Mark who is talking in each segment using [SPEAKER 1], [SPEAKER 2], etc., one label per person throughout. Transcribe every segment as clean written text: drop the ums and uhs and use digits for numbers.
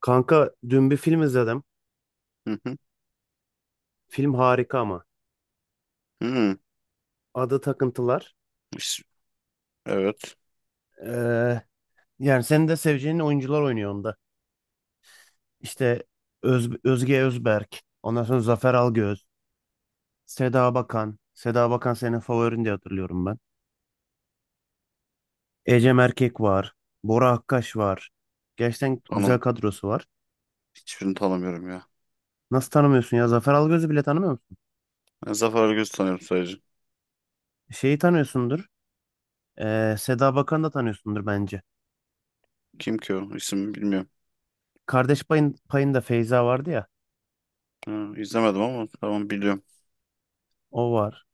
[SPEAKER 1] Kanka dün bir film izledim.
[SPEAKER 2] Hı hı.
[SPEAKER 1] Film harika ama.
[SPEAKER 2] Hı.
[SPEAKER 1] Adı Takıntılar.
[SPEAKER 2] İs- Evet.
[SPEAKER 1] Ee, yani senin de seveceğin oyuncular oynuyor onda. İşte Özge Özberk. Ondan sonra Zafer Algöz. Seda Bakan. Seda Bakan senin favorin diye hatırlıyorum ben. Ecem Erkek var. Bora Akkaş var. Gerçekten
[SPEAKER 2] Tanım.
[SPEAKER 1] güzel kadrosu var.
[SPEAKER 2] Hiçbirini tanımıyorum ya.
[SPEAKER 1] Nasıl tanımıyorsun ya? Zafer Algöz'ü bile tanımıyor musun?
[SPEAKER 2] Ben Zafer Algöz'ü tanıyorum sadece.
[SPEAKER 1] Şeyi tanıyorsundur. Seda Bakan'ı da tanıyorsundur bence.
[SPEAKER 2] Kim ki o? İsmini bilmiyorum.
[SPEAKER 1] Kardeş payında Feyza vardı ya.
[SPEAKER 2] Ha, izlemedim ama tamam biliyorum.
[SPEAKER 1] O var.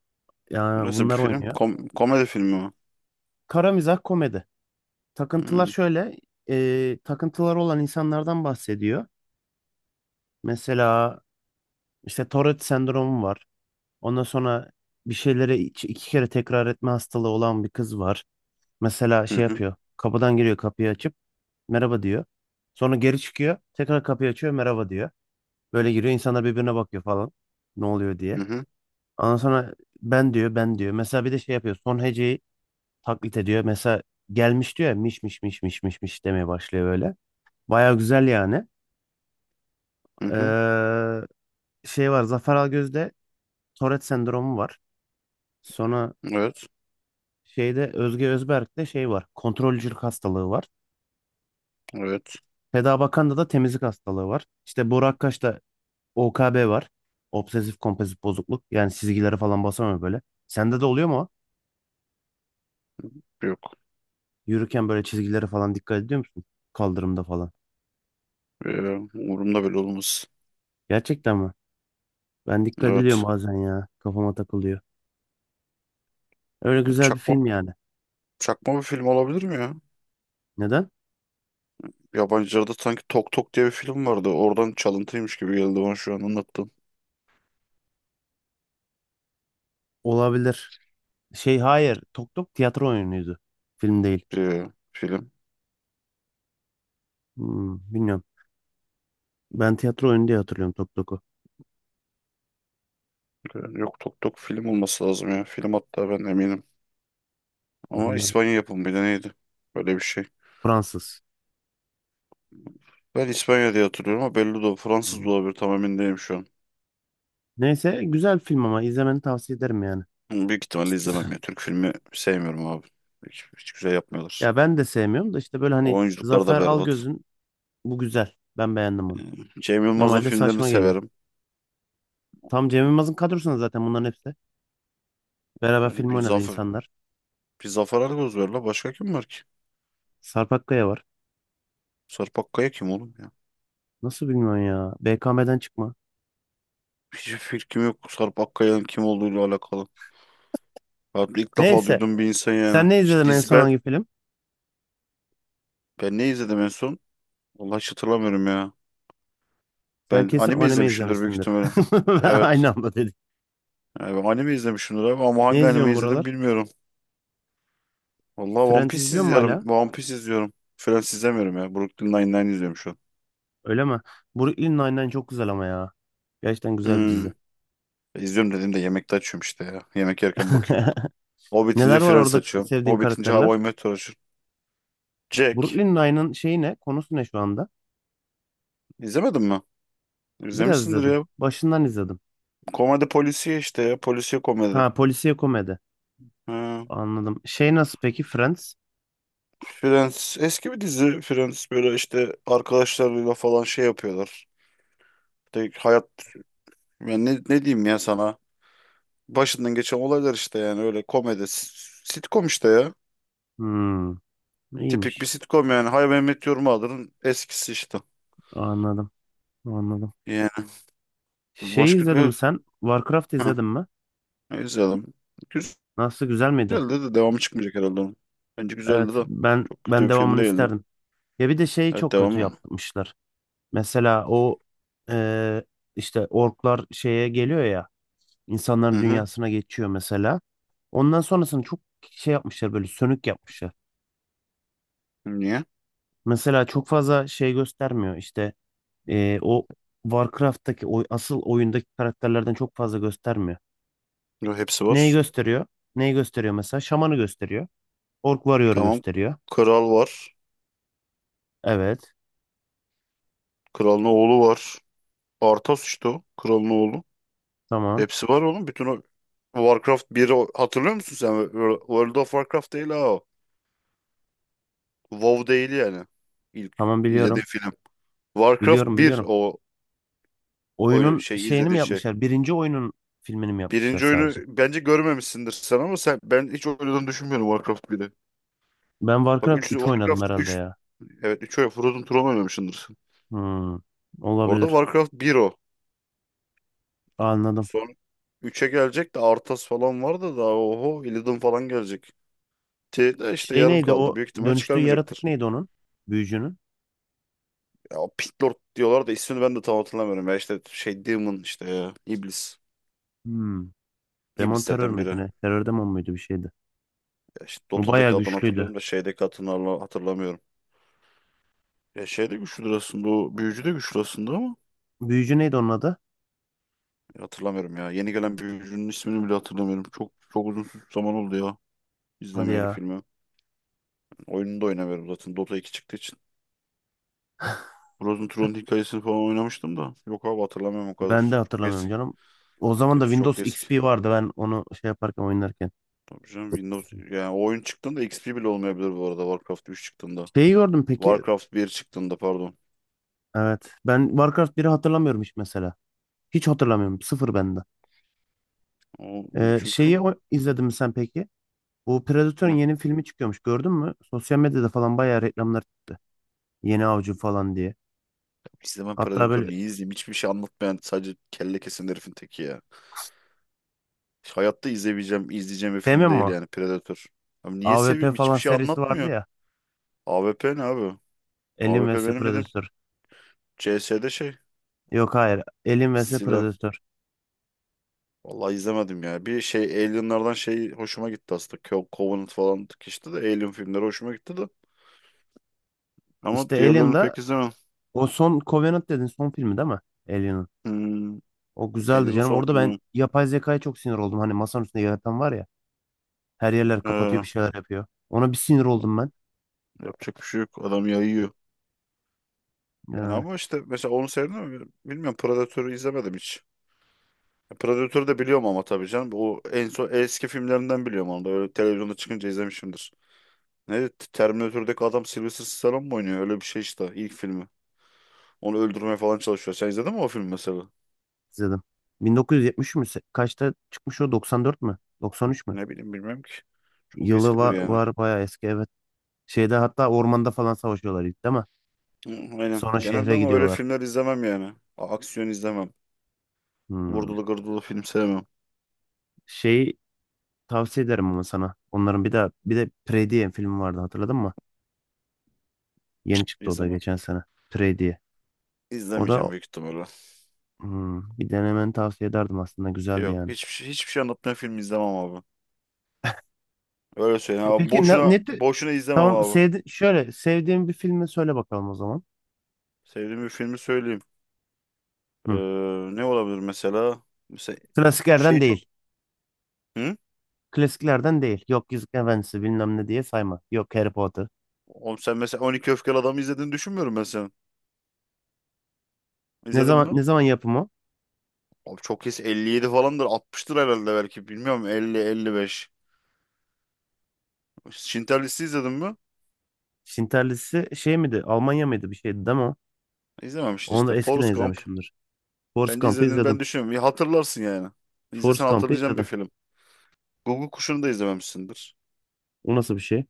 [SPEAKER 1] Yani
[SPEAKER 2] Nasıl bir
[SPEAKER 1] bunlar
[SPEAKER 2] film?
[SPEAKER 1] oynuyor.
[SPEAKER 2] Komedi filmi mi?
[SPEAKER 1] Kara mizah komedi. Takıntılar
[SPEAKER 2] Hmm.
[SPEAKER 1] şöyle, takıntılar olan insanlardan bahsediyor. Mesela işte Tourette sendromu var. Ondan sonra bir şeyleri iki kere tekrar etme hastalığı olan bir kız var. Mesela
[SPEAKER 2] Hı
[SPEAKER 1] şey
[SPEAKER 2] hı
[SPEAKER 1] yapıyor, kapıdan giriyor kapıyı açıp merhaba diyor. Sonra geri çıkıyor, tekrar kapıyı açıyor merhaba diyor. Böyle giriyor, insanlar birbirine bakıyor falan. Ne oluyor
[SPEAKER 2] hı
[SPEAKER 1] diye.
[SPEAKER 2] hı hı.
[SPEAKER 1] Ondan sonra ben diyor, ben diyor. Mesela bir de şey yapıyor, son heceyi taklit ediyor. Mesela gelmiş diyor ya, miş miş miş miş miş miş demeye başlıyor böyle. Baya güzel yani.
[SPEAKER 2] Hı.
[SPEAKER 1] Ee, şey var Zafer Algöz'de, Tourette sendromu var. Sonra
[SPEAKER 2] Evet.
[SPEAKER 1] şeyde, Özge Özberk'te şey var. Kontrolcülük hastalığı var.
[SPEAKER 2] Evet.
[SPEAKER 1] Feda Bakan'da da temizlik hastalığı var. İşte Boru Akkaş'ta OKB var. Obsesif kompulsif bozukluk. Yani çizgileri falan basamıyor böyle. Sende de oluyor mu o?
[SPEAKER 2] Yok.
[SPEAKER 1] Yürürken böyle çizgilere falan dikkat ediyor musun? Kaldırımda falan.
[SPEAKER 2] Ee, umurumda bile olmaz.
[SPEAKER 1] Gerçekten mi? Ben dikkat ediyorum
[SPEAKER 2] Evet.
[SPEAKER 1] bazen ya. Kafama takılıyor. Öyle güzel bir
[SPEAKER 2] Çakma,
[SPEAKER 1] film yani.
[SPEAKER 2] çakma bir film olabilir mi ya?
[SPEAKER 1] Neden?
[SPEAKER 2] Yabancılarda sanki Tok Tok diye bir film vardı. Oradan çalıntıymış gibi geldi bana şu an anlattığım
[SPEAKER 1] Olabilir. Şey, hayır. Tok Tok tiyatro oyunuydu. Film değil.
[SPEAKER 2] bir film.
[SPEAKER 1] Bilmiyorum. Ben tiyatro oyunu diye hatırlıyorum Tok Tok'u.
[SPEAKER 2] Yok, Tok Tok film olması lazım ya. Film, hatta ben eminim. Ama
[SPEAKER 1] Anladım.
[SPEAKER 2] İspanya yapımı, bir de neydi? Böyle bir şey.
[SPEAKER 1] Fransız.
[SPEAKER 2] Ben İspanya diye hatırlıyorum ama belli de, o
[SPEAKER 1] Hmm.
[SPEAKER 2] Fransız da olabilir, tam emin değilim şu an.
[SPEAKER 1] Neyse, güzel film, ama izlemeni tavsiye ederim yani.
[SPEAKER 2] Ama büyük ihtimalle izlemem ya. Türk filmi sevmiyorum abi. Hiç güzel yapmıyorlar.
[SPEAKER 1] Ya ben de sevmiyorum da işte, böyle hani
[SPEAKER 2] Oyunculuklar da
[SPEAKER 1] Zafer
[SPEAKER 2] berbat.
[SPEAKER 1] Algöz'ün bu güzel. Ben beğendim bunu.
[SPEAKER 2] Cem Yılmaz'ın
[SPEAKER 1] Normalde
[SPEAKER 2] filmlerini
[SPEAKER 1] saçma geliyor.
[SPEAKER 2] severim.
[SPEAKER 1] Tam Cem Yılmaz'ın kadrosunda zaten bunların hepsi. Beraber
[SPEAKER 2] Yani
[SPEAKER 1] film
[SPEAKER 2] bir
[SPEAKER 1] oynadı
[SPEAKER 2] Zafer,
[SPEAKER 1] insanlar.
[SPEAKER 2] bir Zafer Algöz var la. Başka kim var ki?
[SPEAKER 1] Sarp Akkaya var.
[SPEAKER 2] Sarp Akkaya kim oğlum ya?
[SPEAKER 1] Nasıl bilmiyorum ya. BKM'den çıkma.
[SPEAKER 2] Hiçbir fikrim yok Sarp Akkaya'nın kim olduğuyla alakalı. Ben ilk defa
[SPEAKER 1] Neyse.
[SPEAKER 2] duydum bir insan
[SPEAKER 1] Sen
[SPEAKER 2] yani.
[SPEAKER 1] ne
[SPEAKER 2] İşte
[SPEAKER 1] izledin, en
[SPEAKER 2] dizi.
[SPEAKER 1] son
[SPEAKER 2] ben,
[SPEAKER 1] hangi film?
[SPEAKER 2] ben ne izledim en son? Vallahi hiç hatırlamıyorum ya.
[SPEAKER 1] Sen
[SPEAKER 2] Ben
[SPEAKER 1] kesin
[SPEAKER 2] anime
[SPEAKER 1] anime
[SPEAKER 2] izlemişimdir büyük
[SPEAKER 1] izlemişsindir.
[SPEAKER 2] ihtimalle. Evet.
[SPEAKER 1] Aynı anda dedik.
[SPEAKER 2] Yani ben anime izlemişimdir abi, ama
[SPEAKER 1] Ne
[SPEAKER 2] hangi anime
[SPEAKER 1] izliyorsun
[SPEAKER 2] izledim
[SPEAKER 1] buralar?
[SPEAKER 2] bilmiyorum. Vallahi One
[SPEAKER 1] Friends
[SPEAKER 2] Piece
[SPEAKER 1] izliyor mu
[SPEAKER 2] izliyorum.
[SPEAKER 1] hala?
[SPEAKER 2] One Piece izliyorum. Friends izlemiyorum ya. Brooklyn Nine-Nine izliyorum şu an.
[SPEAKER 1] Öyle mi? Brooklyn Nine-Nine çok güzel ama ya. Gerçekten güzel bir
[SPEAKER 2] Hmm.
[SPEAKER 1] dizi.
[SPEAKER 2] İzliyorum dediğimde yemekte açıyorum işte ya. Yemek yerken bakıyorum. O bitince
[SPEAKER 1] Neler var,
[SPEAKER 2] Friends
[SPEAKER 1] orada
[SPEAKER 2] açıyorum.
[SPEAKER 1] sevdiğin
[SPEAKER 2] O bitince How
[SPEAKER 1] karakterler?
[SPEAKER 2] I Met Your açıyorum. Jack.
[SPEAKER 1] Brooklyn Nine'ın şeyi ne? Konusu ne şu anda?
[SPEAKER 2] İzlemedin mi?
[SPEAKER 1] Biraz
[SPEAKER 2] İzlemişsindir
[SPEAKER 1] izledim.
[SPEAKER 2] ya.
[SPEAKER 1] Başından izledim.
[SPEAKER 2] Komedi polisiye işte ya. Polisiye komedi.
[SPEAKER 1] Ha, polisiye komedi.
[SPEAKER 2] Ha.
[SPEAKER 1] Anladım. Şey, nasıl peki Friends?
[SPEAKER 2] Friends. Eski bir dizi Friends. Böyle işte arkadaşlarıyla falan şey yapıyorlar. De hayat, yani ne diyeyim ya sana? Başından geçen olaylar işte, yani öyle komedi. Sitcom işte ya.
[SPEAKER 1] Hmm,
[SPEAKER 2] Tipik bir
[SPEAKER 1] iyiymiş.
[SPEAKER 2] sitcom yani. Hay ben Met Your Mother'ın eskisi işte.
[SPEAKER 1] Anladım. Anladim.
[SPEAKER 2] Yani
[SPEAKER 1] Şey,
[SPEAKER 2] başka
[SPEAKER 1] izledin mi
[SPEAKER 2] bir.
[SPEAKER 1] sen? Warcraft
[SPEAKER 2] Heh,
[SPEAKER 1] izledin mi?
[SPEAKER 2] izleyelim. Güzeldi
[SPEAKER 1] Nasıl, güzel miydi?
[SPEAKER 2] de devamı çıkmayacak herhalde onun. Bence
[SPEAKER 1] Evet,
[SPEAKER 2] güzeldi de.
[SPEAKER 1] ben
[SPEAKER 2] Çok kötü
[SPEAKER 1] ben
[SPEAKER 2] bir film
[SPEAKER 1] devamını
[SPEAKER 2] değildi.
[SPEAKER 1] isterdim. Ya bir de şeyi
[SPEAKER 2] Evet,
[SPEAKER 1] çok kötü
[SPEAKER 2] devamı.
[SPEAKER 1] yapmışlar. Mesela o, eee, işte orklar şeye geliyor ya,
[SPEAKER 2] Hı
[SPEAKER 1] insanların
[SPEAKER 2] hı.
[SPEAKER 1] dünyasına geçiyor mesela. Ondan sonrasını çok şey yapmışlar, böyle sönük yapmışlar.
[SPEAKER 2] Niye?
[SPEAKER 1] Mesela çok fazla şey göstermiyor işte, o Warcraft'taki o asıl oyundaki karakterlerden çok fazla göstermiyor.
[SPEAKER 2] Yo, hepsi var.
[SPEAKER 1] Neyi gösteriyor? Neyi gösteriyor mesela? Şamanı gösteriyor. Ork Warrior'ı
[SPEAKER 2] Tamam.
[SPEAKER 1] gösteriyor.
[SPEAKER 2] Kral var.
[SPEAKER 1] Evet.
[SPEAKER 2] Kralın oğlu var. Arthas işte o. Kralın oğlu.
[SPEAKER 1] Tamam.
[SPEAKER 2] Hepsi var oğlum. Bütün o Warcraft 1'i hatırlıyor musun sen? World of Warcraft değil ha o. WoW değil yani. İlk
[SPEAKER 1] Tamam, biliyorum.
[SPEAKER 2] izlediğin film. Warcraft
[SPEAKER 1] Biliyorum,
[SPEAKER 2] bir
[SPEAKER 1] biliyorum.
[SPEAKER 2] o,
[SPEAKER 1] Oyunun
[SPEAKER 2] şey
[SPEAKER 1] şeyini
[SPEAKER 2] izlediğin
[SPEAKER 1] mi
[SPEAKER 2] şey.
[SPEAKER 1] yapmışlar? Birinci oyunun filmini mi yapmışlar
[SPEAKER 2] Birinci oyunu
[SPEAKER 1] sadece?
[SPEAKER 2] bence görmemişsindir sen, ama sen, ben hiç oynadığını düşünmüyorum Warcraft 1'i.
[SPEAKER 1] Ben
[SPEAKER 2] Bak, 3
[SPEAKER 1] Warcraft 3 oynadım
[SPEAKER 2] Warcraft
[SPEAKER 1] herhalde
[SPEAKER 2] üç,
[SPEAKER 1] ya.
[SPEAKER 2] evet, 3 oyun Frozen Throne oynamışsındır.
[SPEAKER 1] Hmm,
[SPEAKER 2] Orada
[SPEAKER 1] olabilir.
[SPEAKER 2] Warcraft bir o.
[SPEAKER 1] Anladım.
[SPEAKER 2] Son üçe gelecek de Arthas falan var da daha, oho, Illidan falan gelecek. Şey de işte
[SPEAKER 1] Şey,
[SPEAKER 2] yarım
[SPEAKER 1] neydi
[SPEAKER 2] kaldı.
[SPEAKER 1] o
[SPEAKER 2] Büyük ihtimal
[SPEAKER 1] dönüştüğü yaratık
[SPEAKER 2] çıkarmayacaktır.
[SPEAKER 1] neydi onun? Büyücünün.
[SPEAKER 2] Ya o Pit Lord diyorlar da ismini ben de tam hatırlamıyorum. Ya işte şey Demon işte ya. İblis.
[SPEAKER 1] Hmm. Demon terör
[SPEAKER 2] İblislerden biri.
[SPEAKER 1] müydü
[SPEAKER 2] Ya
[SPEAKER 1] ne? Terör demon muydu, bir şeydi.
[SPEAKER 2] işte
[SPEAKER 1] Bu bayağı
[SPEAKER 2] Dota'daki adını
[SPEAKER 1] güçlüydü.
[SPEAKER 2] hatırlıyorum da şeydeki adını hatırlamıyorum. Ya şey de güçlüdür aslında, o büyücü de güçlü aslında ama
[SPEAKER 1] Büyücü neydi onun adı?
[SPEAKER 2] ya hatırlamıyorum ya. Yeni gelen büyücünün ismini bile hatırlamıyorum. Çok çok uzun zaman oldu ya
[SPEAKER 1] Hadi
[SPEAKER 2] izlemeyeli
[SPEAKER 1] ya.
[SPEAKER 2] filmi. Oyununu da oynamıyorum zaten Dota 2 çıktığı için. Frozen Throne hikayesini falan oynamıştım da. Yok abi, hatırlamıyorum o kadar.
[SPEAKER 1] Ben de
[SPEAKER 2] Çok
[SPEAKER 1] hatırlamıyorum
[SPEAKER 2] eski.
[SPEAKER 1] canım. O zaman da
[SPEAKER 2] Hepsi çok
[SPEAKER 1] Windows
[SPEAKER 2] eski.
[SPEAKER 1] XP vardı, ben onu şey yaparken, oynarken.
[SPEAKER 2] Tabii canım, Windows yani, o oyun çıktığında XP bile olmayabilir, bu arada Warcraft 3 çıktığında.
[SPEAKER 1] Şeyi gördüm peki.
[SPEAKER 2] Warcraft 1 çıktığında pardon.
[SPEAKER 1] Evet. Ben Warcraft biri hatırlamıyorum hiç mesela. Hiç hatırlamıyorum. Sıfır bende.
[SPEAKER 2] O,
[SPEAKER 1] Şeyi
[SPEAKER 2] çünkü.
[SPEAKER 1] izledin mi sen peki? Bu Predator'un
[SPEAKER 2] Hı.
[SPEAKER 1] yeni filmi çıkıyormuş, gördün mü? Sosyal medyada falan bayağı reklamlar çıktı. Yeni Avcı falan diye.
[SPEAKER 2] izlemem
[SPEAKER 1] Hatta
[SPEAKER 2] Predator,
[SPEAKER 1] böyle
[SPEAKER 2] niye izleyeyim? Hiçbir şey anlatmayan, sadece kelle kesen herifin teki ya. Hayatta izleyeceğim bir film
[SPEAKER 1] sevmiyor
[SPEAKER 2] değil
[SPEAKER 1] mu?
[SPEAKER 2] yani Predator. Abi
[SPEAKER 1] A
[SPEAKER 2] niye
[SPEAKER 1] V P
[SPEAKER 2] seveyim? Hiçbir
[SPEAKER 1] falan
[SPEAKER 2] şey
[SPEAKER 1] serisi vardı
[SPEAKER 2] anlatmıyor.
[SPEAKER 1] ya.
[SPEAKER 2] AWP ne abi? A
[SPEAKER 1] Alien
[SPEAKER 2] W P
[SPEAKER 1] vs
[SPEAKER 2] benim dedim,
[SPEAKER 1] Predator.
[SPEAKER 2] CS'de şey
[SPEAKER 1] Yok, hayır. Alien vs
[SPEAKER 2] silah.
[SPEAKER 1] Predator.
[SPEAKER 2] Vallahi izlemedim ya. Bir şey, Alien'lardan şey hoşuma gitti aslında. Covenant falan işte, de Alien filmleri hoşuma gitti de. Ama
[SPEAKER 1] İşte
[SPEAKER 2] diğerlerini
[SPEAKER 1] Alien'da
[SPEAKER 2] pek izlemem.
[SPEAKER 1] o son Covenant dedin, son filmi değil mi Alien'ın?
[SPEAKER 2] Hmm,
[SPEAKER 1] O güzeldi
[SPEAKER 2] Alien'ın
[SPEAKER 1] canım.
[SPEAKER 2] son
[SPEAKER 1] Orada ben
[SPEAKER 2] filmi.
[SPEAKER 1] yapay zekaya çok sinir oldum. Hani masanın üstünde yaratan var ya. Her yerler kapatıyor,
[SPEAKER 2] Ee,
[SPEAKER 1] bir şeyler yapıyor. Ona bir sinir oldum ben.
[SPEAKER 2] yapacak bir şey yok. Adam yayıyor. Yani
[SPEAKER 1] Yani
[SPEAKER 2] ama işte mesela onu sevdim mi bilmiyorum. Predator'u izlemedim hiç. Predator'u da biliyorum ama tabii canım. O en son eski filmlerinden biliyorum onu da. Öyle televizyonda çıkınca izlemişimdir. Neydi? Terminator'daki adam Sylvester Stallone mu oynuyor? Öyle bir şey işte, ilk filmi. Onu öldürmeye falan çalışıyor. Sen izledin mi o filmi mesela?
[SPEAKER 1] izledim. 1970 mü? Kaçta çıkmış o? 94 mü? 93 mü?
[SPEAKER 2] Ne bileyim, bilmem ki. Çok
[SPEAKER 1] Yılı
[SPEAKER 2] eskidir yani.
[SPEAKER 1] var, bayağı eski evet. Şeyde, hatta ormanda falan savaşıyorlar ilk, değil mi?
[SPEAKER 2] Hı, aynen.
[SPEAKER 1] Sonra
[SPEAKER 2] Genelde
[SPEAKER 1] şehre
[SPEAKER 2] ama öyle
[SPEAKER 1] gidiyorlar.
[SPEAKER 2] filmler izlemem yani. Aksiyon izlemem.
[SPEAKER 1] Hmm.
[SPEAKER 2] Vurdulu gırdılı film sevmem.
[SPEAKER 1] Şey, tavsiye ederim ama sana. Onların bir de Prey diye film vardı, hatırladın mı? Yeni çıktı o da
[SPEAKER 2] İzlemem.
[SPEAKER 1] geçen sene. Prey diye. O
[SPEAKER 2] İzlemeyeceğim
[SPEAKER 1] da,
[SPEAKER 2] büyük ihtimalle.
[SPEAKER 1] bir denemeni tavsiye ederdim aslında, güzeldi
[SPEAKER 2] Yok.
[SPEAKER 1] yani.
[SPEAKER 2] Hiçbir şey anlatmayan film izlemem abi. Öyle söyleyeyim
[SPEAKER 1] E
[SPEAKER 2] abi.
[SPEAKER 1] peki
[SPEAKER 2] Boşuna, boşuna izlemem
[SPEAKER 1] tamam,
[SPEAKER 2] abi.
[SPEAKER 1] sevdi, şöyle sevdiğin bir filmi söyle bakalım o zaman.
[SPEAKER 2] Sevdiğim bir filmi söyleyeyim. Ee,
[SPEAKER 1] Hı.
[SPEAKER 2] ne olabilir mesela? Mesela
[SPEAKER 1] Klasiklerden
[SPEAKER 2] şey çok.
[SPEAKER 1] değil.
[SPEAKER 2] Hı?
[SPEAKER 1] Klasiklerden değil. Yok Yüzük Efendisi bilmem ne diye sayma. Yok Harry Potter.
[SPEAKER 2] Oğlum sen mesela 12 Öfkeli Adam'ı izlediğini düşünmüyorum ben senin.
[SPEAKER 1] Ne
[SPEAKER 2] İzledin
[SPEAKER 1] zaman
[SPEAKER 2] mi?
[SPEAKER 1] ne zaman yapımı?
[SPEAKER 2] Abi çok kesin 57 falandır. 60'tır herhalde, belki. Bilmiyorum, 50-55. Schindler List'i izledin mi?
[SPEAKER 1] Şinterlisi şey miydi? Almanya mıydı, bir şeydi değil mi o?
[SPEAKER 2] İzlememişsin
[SPEAKER 1] Onu da
[SPEAKER 2] işte.
[SPEAKER 1] eskiden
[SPEAKER 2] Forrest Gump.
[SPEAKER 1] izlemişimdir. Force
[SPEAKER 2] Bence
[SPEAKER 1] Gump'ı
[SPEAKER 2] izlediğini ben
[SPEAKER 1] izledim.
[SPEAKER 2] düşünüyorum. Ya hatırlarsın yani.
[SPEAKER 1] Force
[SPEAKER 2] İzlesen
[SPEAKER 1] Gump'ı
[SPEAKER 2] hatırlayacağım bir
[SPEAKER 1] izledim.
[SPEAKER 2] film. Google Kuşu'nu da izlememişsindir.
[SPEAKER 1] O nasıl bir şey?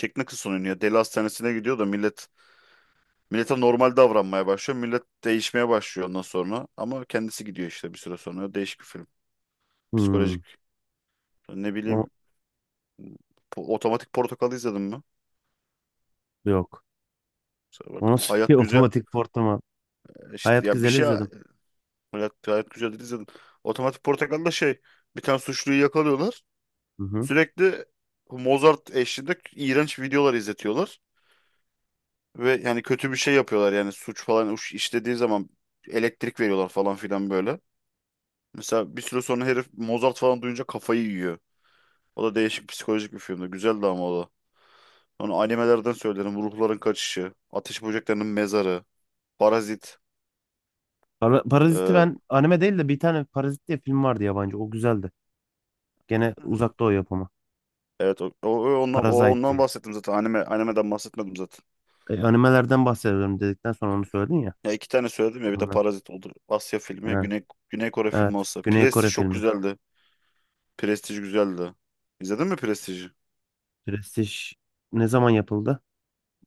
[SPEAKER 2] Jack Nicholson oynuyor. Deli hastanesine gidiyor da millete normal davranmaya başlıyor. Millet değişmeye başlıyor ondan sonra. Ama kendisi gidiyor işte bir süre sonra. Değişik bir film.
[SPEAKER 1] Hmm.
[SPEAKER 2] Psikolojik. Ne
[SPEAKER 1] O
[SPEAKER 2] bileyim, Otomatik Portakal'ı izledin mi?
[SPEAKER 1] yok.
[SPEAKER 2] Mesela bak,
[SPEAKER 1] O nasıl
[SPEAKER 2] Hayat
[SPEAKER 1] bir
[SPEAKER 2] Güzel,
[SPEAKER 1] otomatik portlama?
[SPEAKER 2] işte
[SPEAKER 1] Hayat
[SPEAKER 2] ya bir
[SPEAKER 1] Güzel'i
[SPEAKER 2] şey,
[SPEAKER 1] izledim.
[SPEAKER 2] Hayat Güzel'i izledim. Otomatik Portakal'da şey, bir tane suçluyu yakalıyorlar.
[SPEAKER 1] Hı hı.
[SPEAKER 2] Sürekli Mozart eşliğinde iğrenç videolar izletiyorlar. Ve yani kötü bir şey yapıyorlar, yani suç falan işlediği zaman elektrik veriyorlar falan filan böyle. Mesela bir süre sonra herif Mozart falan duyunca kafayı yiyor. O da değişik psikolojik bir filmdi. Güzeldi ama o da. Onu animelerden söylerim. Ruhların Kaçışı, Ateş Böceklerinin Mezarı, Parazit.
[SPEAKER 1] Parazit'i
[SPEAKER 2] Ee,
[SPEAKER 1] ben anime değil de, bir tane Parazit diye film vardı yabancı. O güzeldi. Gene Uzak Doğu yapımı.
[SPEAKER 2] evet, o, o, o ondan, o
[SPEAKER 1] Parazite
[SPEAKER 2] ondan
[SPEAKER 1] diye.
[SPEAKER 2] bahsettim zaten. Animeden bahsetmedim zaten.
[SPEAKER 1] Animelerden bahsediyorum dedikten sonra onu söyledin ya.
[SPEAKER 2] Ya iki tane söyledim ya, bir de
[SPEAKER 1] Bunlar.
[SPEAKER 2] Parazit olur. Asya filmi ya,
[SPEAKER 1] Ha,
[SPEAKER 2] Güney Kore filmi
[SPEAKER 1] evet.
[SPEAKER 2] olsa.
[SPEAKER 1] Güney
[SPEAKER 2] Prestij
[SPEAKER 1] Kore
[SPEAKER 2] çok
[SPEAKER 1] filmi.
[SPEAKER 2] güzeldi. Prestij güzeldi. İzledin mi Prestij'i?
[SPEAKER 1] Prestij ne zaman yapıldı?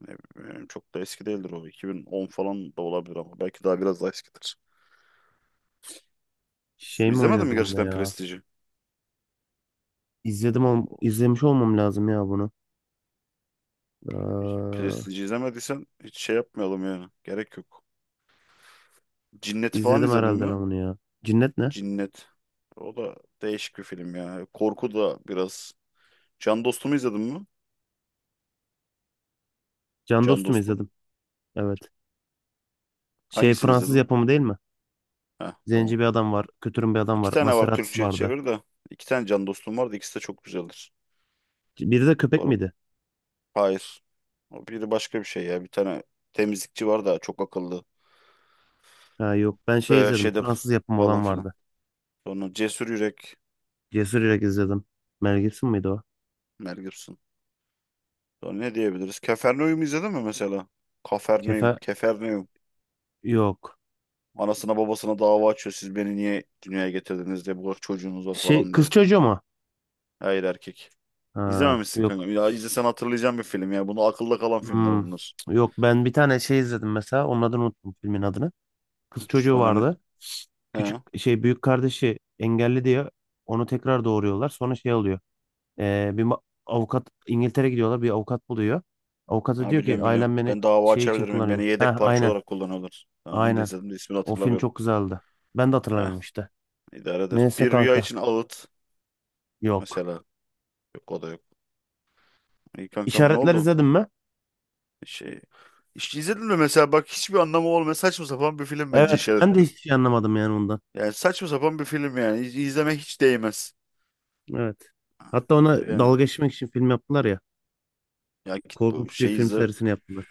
[SPEAKER 2] Ne bileyim, çok da eski değildir o. 2010 falan da olabilir ama belki daha, biraz daha eskidir.
[SPEAKER 1] Şey mi
[SPEAKER 2] İzlemedin mi
[SPEAKER 1] oynuyordu bunda
[SPEAKER 2] gerçekten
[SPEAKER 1] ya?
[SPEAKER 2] Prestij'i?
[SPEAKER 1] İzledim, izlemiş olmam lazım ya bunu. Ee,
[SPEAKER 2] Prestij izlemediysen hiç şey yapmayalım yani. Gerek yok. Cinnet falan
[SPEAKER 1] izledim
[SPEAKER 2] izledin
[SPEAKER 1] herhalde
[SPEAKER 2] mi?
[SPEAKER 1] ben bunu ya. Cinnet ne?
[SPEAKER 2] Cinnet. O da değişik bir film ya. Korku da biraz. Can Dostum'u izledin mi?
[SPEAKER 1] Can
[SPEAKER 2] Can
[SPEAKER 1] Dostum
[SPEAKER 2] Dostum.
[SPEAKER 1] izledim. Evet. Şey,
[SPEAKER 2] Hangisini
[SPEAKER 1] Fransız
[SPEAKER 2] izledin?
[SPEAKER 1] yapımı değil mi?
[SPEAKER 2] Heh, tamam.
[SPEAKER 1] Zenci bir adam var. Kötürüm bir adam
[SPEAKER 2] İki
[SPEAKER 1] var.
[SPEAKER 2] tane var vallahi,
[SPEAKER 1] Maserati'si
[SPEAKER 2] Türkçe'ye
[SPEAKER 1] vardı.
[SPEAKER 2] çevir de. İki tane Can Dostum var da ikisi de çok güzeldir.
[SPEAKER 1] Biri de
[SPEAKER 2] Bu
[SPEAKER 1] köpek
[SPEAKER 2] arada.
[SPEAKER 1] miydi?
[SPEAKER 2] Hayır. O biri başka bir şey ya. Bir tane temizlikçi var da çok akıllı.
[SPEAKER 1] Ha, yok. Ben şey
[SPEAKER 2] Ee,
[SPEAKER 1] izledim.
[SPEAKER 2] şeyde
[SPEAKER 1] Fransız yapımı
[SPEAKER 2] falan
[SPEAKER 1] olan
[SPEAKER 2] filan.
[SPEAKER 1] vardı.
[SPEAKER 2] Sonra Cesur Yürek.
[SPEAKER 1] Cesur Yürek izledim. Mel Gibson mıydı o?
[SPEAKER 2] Mel Gibson. Sonra ne diyebiliriz? Keferneum izledin mi mesela? Kaferneum,
[SPEAKER 1] Kefe,
[SPEAKER 2] Keferneum.
[SPEAKER 1] yok.
[SPEAKER 2] Anasına babasına dava açıyor. Siz beni niye dünyaya getirdiniz diye. Bu kadar çocuğunuz var
[SPEAKER 1] Şey,
[SPEAKER 2] falan
[SPEAKER 1] kız
[SPEAKER 2] diye.
[SPEAKER 1] çocuğu mu?
[SPEAKER 2] Hayır, erkek.
[SPEAKER 1] Ha,
[SPEAKER 2] İzlememişsin
[SPEAKER 1] yok.
[SPEAKER 2] kanka. Ya izlesen hatırlayacağım bir film ya. Bunu, akılda kalan filmler
[SPEAKER 1] Hmm,
[SPEAKER 2] bunlar.
[SPEAKER 1] Yok, ben bir tane şey izledim mesela. Onun adını unuttum, filmin adını. Kız çocuğu
[SPEAKER 2] Sonra ne?
[SPEAKER 1] vardı.
[SPEAKER 2] He.
[SPEAKER 1] Küçük şey, büyük kardeşi engelli diye onu tekrar doğuruyorlar. Sonra şey oluyor. Bir avukat, İngiltere gidiyorlar. Bir avukat buluyor. Avukata
[SPEAKER 2] Ha,
[SPEAKER 1] diyor ki
[SPEAKER 2] biliyorum biliyorum.
[SPEAKER 1] ailem beni
[SPEAKER 2] Ben dava
[SPEAKER 1] şey için
[SPEAKER 2] açabilir miyim? Beni
[SPEAKER 1] kullanıyordu.
[SPEAKER 2] yedek
[SPEAKER 1] Ha,
[SPEAKER 2] parça
[SPEAKER 1] aynen.
[SPEAKER 2] olarak kullanıyorlar. Tamam, onu da
[SPEAKER 1] Aynen.
[SPEAKER 2] izledim de ismini
[SPEAKER 1] O film
[SPEAKER 2] hatırlamıyorum.
[SPEAKER 1] çok güzeldi. Ben de
[SPEAKER 2] Eh,
[SPEAKER 1] hatırlamıyorum işte.
[SPEAKER 2] idare eder.
[SPEAKER 1] Neyse
[SPEAKER 2] Bir rüya
[SPEAKER 1] kanka.
[SPEAKER 2] için ağıt.
[SPEAKER 1] Yok.
[SPEAKER 2] Mesela. Yok, o da yok. İyi kankam, ne
[SPEAKER 1] İşaretler
[SPEAKER 2] oldu?
[SPEAKER 1] izledin mi?
[SPEAKER 2] Şey işte, izledin mi mesela bak hiçbir anlamı olmayan saçma sapan bir film, bence
[SPEAKER 1] Evet. Ben de
[SPEAKER 2] işaretli.
[SPEAKER 1] hiçbir şey anlamadım yani ondan.
[SPEAKER 2] Yani saçma sapan bir film yani, izlemek hiç değmez.
[SPEAKER 1] Evet. Hatta ona
[SPEAKER 2] Yani,
[SPEAKER 1] dalga geçmek için film yaptılar ya.
[SPEAKER 2] ya git bu
[SPEAKER 1] Korkunç bir
[SPEAKER 2] şey
[SPEAKER 1] film
[SPEAKER 2] izle.
[SPEAKER 1] serisini yaptılar.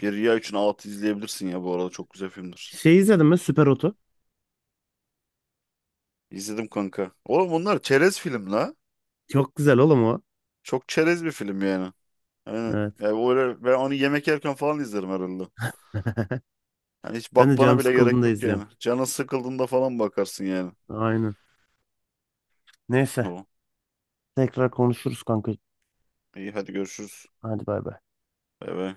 [SPEAKER 2] Bir Riya üçün altı izleyebilirsin ya, bu arada çok güzel filmdir.
[SPEAKER 1] Şey, izledin mi? Süper Oto.
[SPEAKER 2] İzledim kanka. Oğlum, bunlar çerez film la.
[SPEAKER 1] Çok güzel oğlum o.
[SPEAKER 2] Çok çerez bir film yani. Aynen.
[SPEAKER 1] Evet.
[SPEAKER 2] Yani öyle, ben onu yemek yerken falan izlerim herhalde. Hani hiç
[SPEAKER 1] Ben de
[SPEAKER 2] bakmana
[SPEAKER 1] canım
[SPEAKER 2] bile gerek
[SPEAKER 1] sıkıldığında
[SPEAKER 2] yok
[SPEAKER 1] izliyorum.
[SPEAKER 2] yani. Canın sıkıldığında falan bakarsın yani.
[SPEAKER 1] Aynen. Neyse.
[SPEAKER 2] O.
[SPEAKER 1] Tekrar konuşuruz kanka.
[SPEAKER 2] İyi, hadi görüşürüz.
[SPEAKER 1] Hadi bay bay.
[SPEAKER 2] Bay bay.